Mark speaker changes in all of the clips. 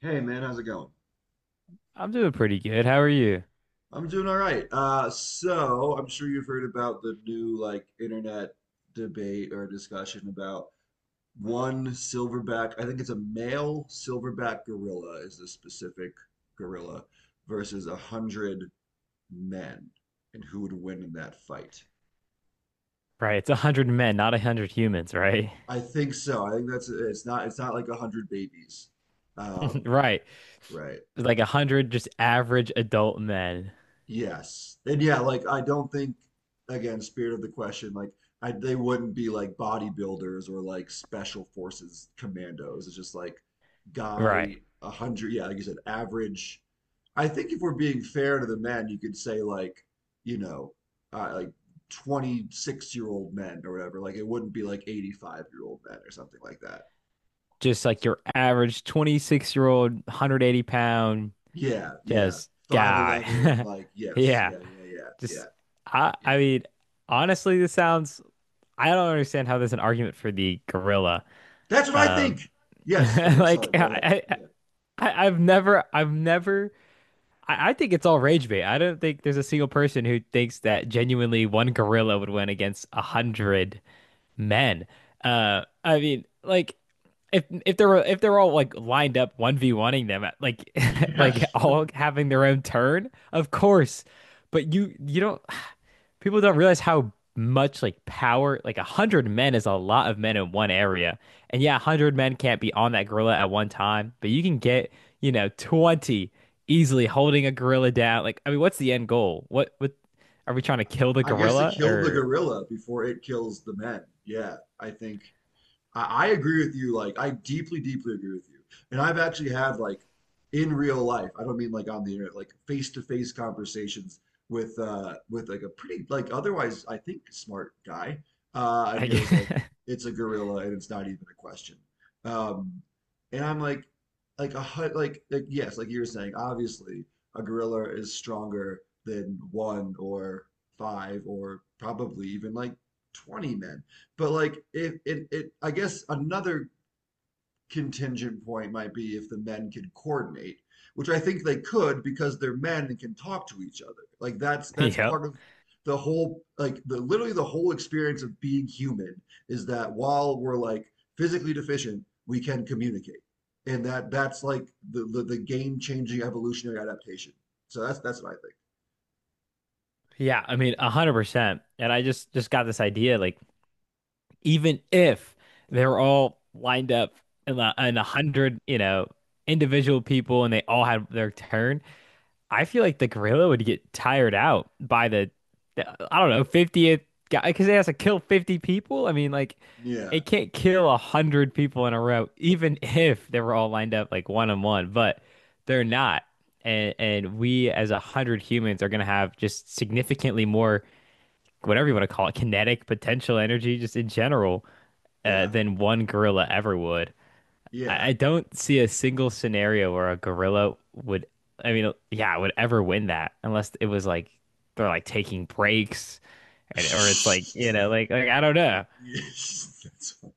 Speaker 1: Hey man, how's it going?
Speaker 2: I'm doing pretty good. How are you?
Speaker 1: I'm doing all right. So I'm sure you've heard about the new like internet debate or discussion about one silverback. I think it's a male silverback gorilla is the specific gorilla versus a hundred men, and who would win in that fight?
Speaker 2: Right, it's 100 men, not 100 humans, right?
Speaker 1: I think so. I think that's it's not like 100 babies. Um,
Speaker 2: Right.
Speaker 1: right.
Speaker 2: It's like 100 just average adult men.
Speaker 1: Yes. And yeah, like I don't think again, spirit of the question, like I they wouldn't be like bodybuilders or like special forces commandos. It's just like
Speaker 2: Right.
Speaker 1: guy 100, yeah, like you said, average. I think if we're being fair to the men, you could say like, you know, like 26-year-old men or whatever. Like it wouldn't be like 85-year-old men or something like that.
Speaker 2: Just like your average 26-year-old, 180 pound
Speaker 1: Yeah, yeah.
Speaker 2: just
Speaker 1: 5'11,
Speaker 2: guy.
Speaker 1: like yes,
Speaker 2: Yeah.
Speaker 1: yeah, yeah, yeah, yeah,
Speaker 2: Just I
Speaker 1: yeah.
Speaker 2: mean, honestly, this sounds I don't understand how there's an argument for the gorilla.
Speaker 1: That's what I think.
Speaker 2: Um
Speaker 1: Yes. Okay.
Speaker 2: like
Speaker 1: Sorry. Go ahead. Yeah.
Speaker 2: I've never I think it's all rage bait. I don't think there's a single person who thinks that genuinely one gorilla would win against 100 men. I mean, like if they were if they're all like lined up one v oneing them, like like
Speaker 1: Yes.
Speaker 2: all having their own turn, of course. But you don't people don't realize how much like power like 100 men is a lot of men in one area. And yeah, 100 men can't be on that gorilla at one time, but you can get 20 easily holding a gorilla down. Like, I mean, what's the end goal? What are we trying to kill the
Speaker 1: I guess to
Speaker 2: gorilla
Speaker 1: kill the
Speaker 2: or.
Speaker 1: gorilla before it kills the men. Yeah. I think I agree with you. Like, I deeply, deeply agree with you. And I've actually had like in real life, I don't mean like on the internet, like face-to-face conversations with like a pretty like otherwise I think smart guy. And he was like,
Speaker 2: Like,
Speaker 1: it's a gorilla and it's not even a question. Um and I'm like like yes, like you were saying, obviously a gorilla is stronger than one or five or probably even like 20 men. But like if it, it I guess another contingent point might be if the men could coordinate, which I think they could because they're men and can talk to each other. Like that's that's
Speaker 2: yeah,
Speaker 1: part of the whole like the literally the whole experience of being human is that while we're like physically deficient, we can communicate. And that's like the game-changing evolutionary adaptation. So that's what I think.
Speaker 2: yeah, I mean 100%. And I just got this idea, like even if they're all lined up and 100 individual people and they all had their turn, I feel like the gorilla would get tired out by the, I don't know, 50th guy because it has to kill 50 people. I mean, like,
Speaker 1: Yeah,
Speaker 2: it can't kill 100 people in a row, even if they were all lined up like one on one, but they're not. And we, as 100 humans, are going to have just significantly more, whatever you want to call it, kinetic potential energy, just in general,
Speaker 1: yeah,
Speaker 2: than one gorilla ever would.
Speaker 1: yeah.
Speaker 2: I don't see a single scenario where a gorilla would, I mean, yeah, would ever win that unless it was like they're like taking breaks, and or it's like, like I don't know.
Speaker 1: Yes,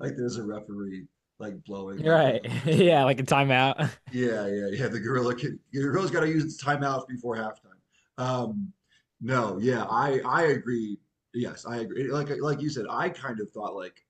Speaker 1: like there's a referee like blowing like a,
Speaker 2: Right.
Speaker 1: a whistle.
Speaker 2: Yeah,
Speaker 1: Yeah.
Speaker 2: like a timeout.
Speaker 1: Yeah, yeah, yeah. The gorilla can. Your gorilla's got to use its timeouts before halftime. Um, no, yeah, I agree. Yes, I agree. Like you said, I kind of thought like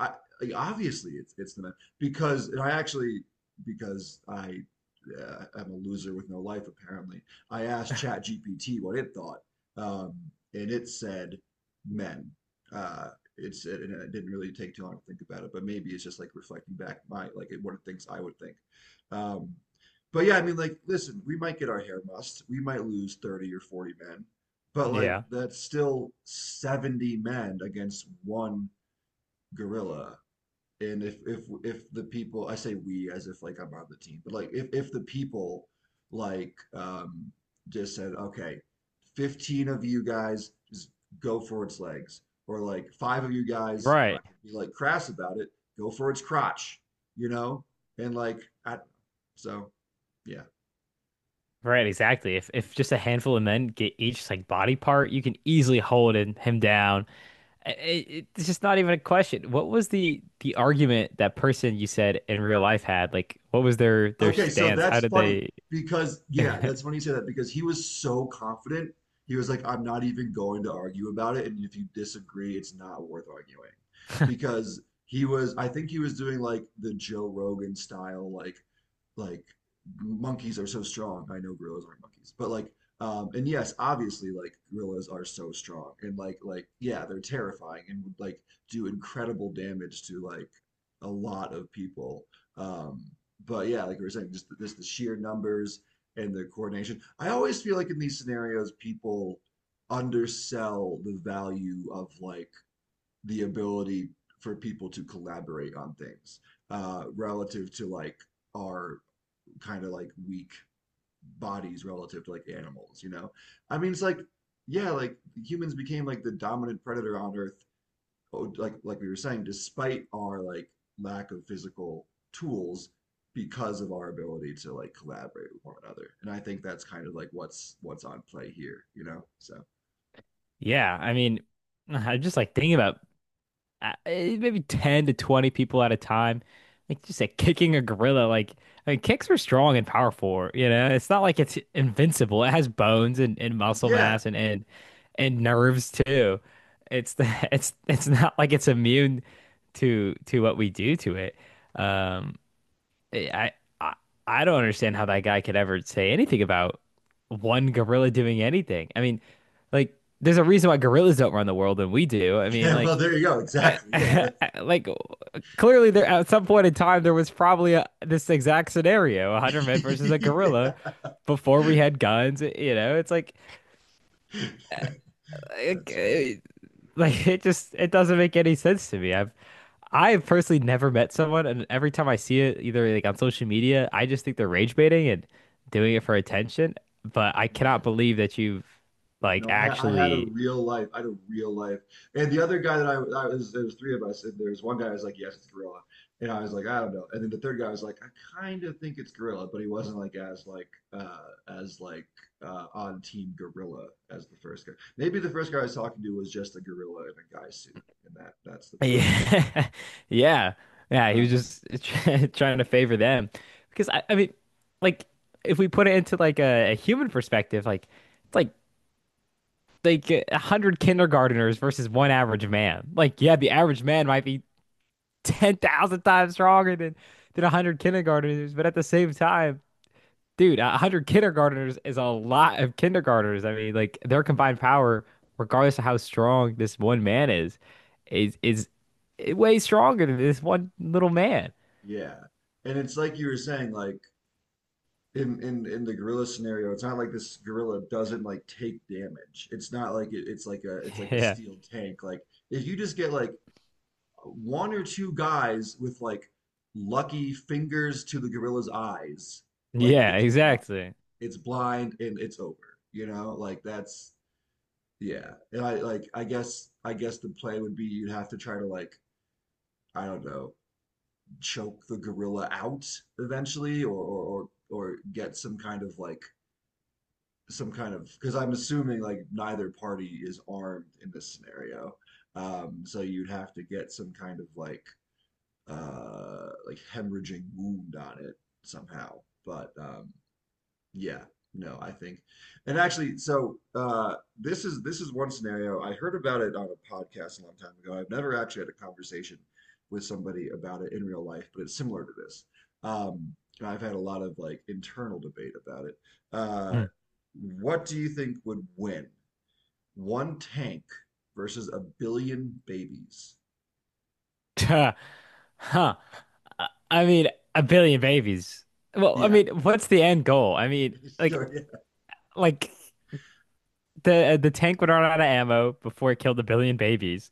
Speaker 1: I like, obviously it's the men because I actually because I am a loser with no life apparently. I asked Chat GPT what it thought, um, and it said men. Uh, and it didn't really take too long to think about it, but maybe it's just like reflecting back my like what it thinks I would think. Um, but yeah, I mean, like, listen, we might get our hair mussed, we might lose 30 or 40 men, but like
Speaker 2: Yeah.
Speaker 1: that's still 70 men against one gorilla and if the people I say we as if like I'm on the team, but like if the people like um just said, okay, 15 of you guys just go for its legs, or like five of you guys,
Speaker 2: Right.
Speaker 1: not to be like crass about it, go for its crotch, you know? And like I so yeah.
Speaker 2: Right, exactly. If just a handful of men get each like body part, you can easily hold him down. I- I- it's just not even a question. What was the argument that person you said in real life had? Like, what was their
Speaker 1: Okay, so
Speaker 2: stance? How
Speaker 1: that's
Speaker 2: did
Speaker 1: funny
Speaker 2: they?
Speaker 1: because yeah, that's funny you say that because he was so confident. He was like, I'm not even going to argue about it, and if you disagree, it's not worth arguing. Because he was, I think he was doing like the Joe Rogan style, like monkeys are so strong. I know gorillas aren't monkeys, but like and yes, obviously like gorillas are so strong and like yeah, they're terrifying and would like do incredible damage to like a lot of people. Um but yeah, like we were saying, just the sheer numbers and the coordination. I always feel like in these scenarios people undersell the value of like the ability for people to collaborate on things relative to like our kind of like weak bodies relative to like animals, you know? I mean, it's like, yeah, like humans became like the dominant predator on Earth, oh, like we were saying, despite our like lack of physical tools because of our ability to like collaborate with one another. And I think that's kind of like what's on play here, you know? So
Speaker 2: Yeah, I mean, I'm just like thinking about maybe 10 to 20 people at a time, like just like kicking a gorilla. Like, I mean, kicks are strong and powerful, you know? It's not like it's invincible. It has bones, and, muscle
Speaker 1: yeah.
Speaker 2: mass, and nerves too. It's the it's not like it's immune to what we do to it. Um I, I I don't understand how that guy could ever say anything about one gorilla doing anything. I mean, like, there's a reason why gorillas don't run the world and we do. I mean,
Speaker 1: Yeah, well
Speaker 2: like
Speaker 1: there you go. Exactly. Yeah.
Speaker 2: like clearly there at some point in time there was probably this exact scenario, 100 men versus a gorilla
Speaker 1: yeah.
Speaker 2: before we had guns. It's like like,
Speaker 1: That's funny.
Speaker 2: like it just it doesn't make any sense to me. I have personally never met someone, and every time I see it, either like on social media, I just think they're rage baiting and doing it for attention. But I cannot
Speaker 1: Yeah.
Speaker 2: believe that you've like
Speaker 1: No, I had a
Speaker 2: actually.
Speaker 1: real life. And the other guy that I was, there was three of us, and there was one guy who was like, "Yes, it's gorilla," and I was like, "I don't know." And then the third guy was like, "I kind of think it's gorilla," but he wasn't like as like on team gorilla as the first guy. Maybe the first guy I was talking to was just a gorilla in a guy suit, and that's the problem.
Speaker 2: Yeah, yeah, yeah. He was
Speaker 1: Um,
Speaker 2: just trying to favor them because I mean, like, if we put it into like a human perspective, like, it's like 100 kindergarteners versus one average man. Like, yeah, the average man might be 10,000 times stronger than 100 kindergarteners. But at the same time, dude, 100 kindergarteners is a lot of kindergarteners. I mean, like, their combined power, regardless of how strong this one man is, is way stronger than this one little man.
Speaker 1: yeah, and it's like you were saying, like in the gorilla scenario, it's not like this gorilla doesn't like take damage. It's not like it, it's like a
Speaker 2: Yeah.
Speaker 1: steel tank. Like if you just get like one or two guys with like lucky fingers to the gorilla's eyes, like
Speaker 2: Yeah, exactly.
Speaker 1: it's blind and it's over. You know, like that's yeah. And I like I guess the play would be you'd have to try to like I don't know choke the gorilla out eventually, or get some kind of like some kind of because I'm assuming like neither party is armed in this scenario. So you'd have to get some kind of like hemorrhaging wound on it somehow. But yeah, no, I think. And actually, so this is one scenario. I heard about it on a podcast a long time ago. I've never actually had a conversation with somebody about it in real life, but it's similar to this. Um, and I've had a lot of like internal debate about it. Uh
Speaker 2: Mm.
Speaker 1: what do you think would win? One tank versus a billion babies?
Speaker 2: Huh. Huh. I mean, 1 billion babies. Well, I
Speaker 1: Yeah.
Speaker 2: mean, what's the end goal? I mean,
Speaker 1: So
Speaker 2: like the tank would run out of ammo before it killed 1 billion babies.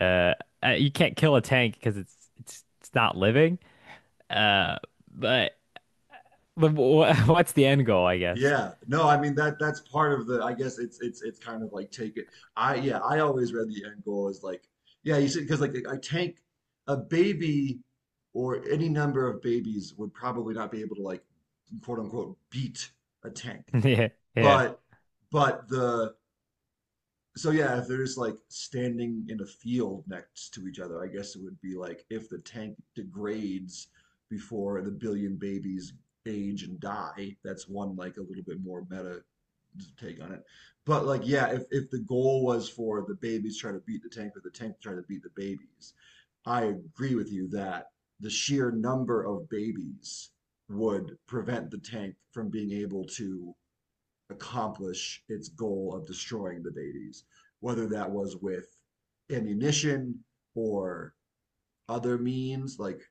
Speaker 2: Uh, you can't kill a tank because it's not living. Uh, but but what's the end goal, I guess?
Speaker 1: yeah, no, I mean that's part of the I guess it's it's kind of like take it. I yeah, I always read the end goal as like yeah, you see because like I tank a baby or any number of babies would probably not be able to like quote unquote beat a tank.
Speaker 2: Yeah,
Speaker 1: But but the so yeah, if they're just like standing in a field next to each other, I guess it would be like if the tank degrades before the billion babies age and die, that's one like a little bit more meta take on it. But like, yeah, if, the goal was for the babies try to beat the tank or the tank try to beat the babies, I agree with you that the sheer number of babies would prevent the tank from being able to accomplish its goal of destroying the babies, whether that was with ammunition or other means, like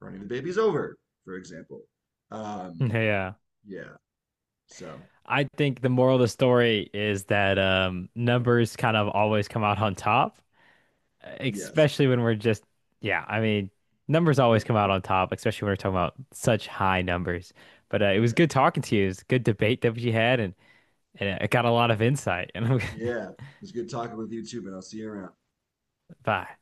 Speaker 1: running the babies over, for example.
Speaker 2: yeah,
Speaker 1: Um,
Speaker 2: yeah.
Speaker 1: yeah, so
Speaker 2: I think the moral of the story is that numbers kind of always come out on top,
Speaker 1: yes,
Speaker 2: especially when we're just. Yeah. I mean, numbers always come out on top, especially when we're talking about such high numbers. But it was
Speaker 1: yeah.
Speaker 2: good talking to you. It was a good debate that we had, and it got a lot of insight. And
Speaker 1: Yeah. It was good talking with you too, man. I'll see you around.
Speaker 2: bye.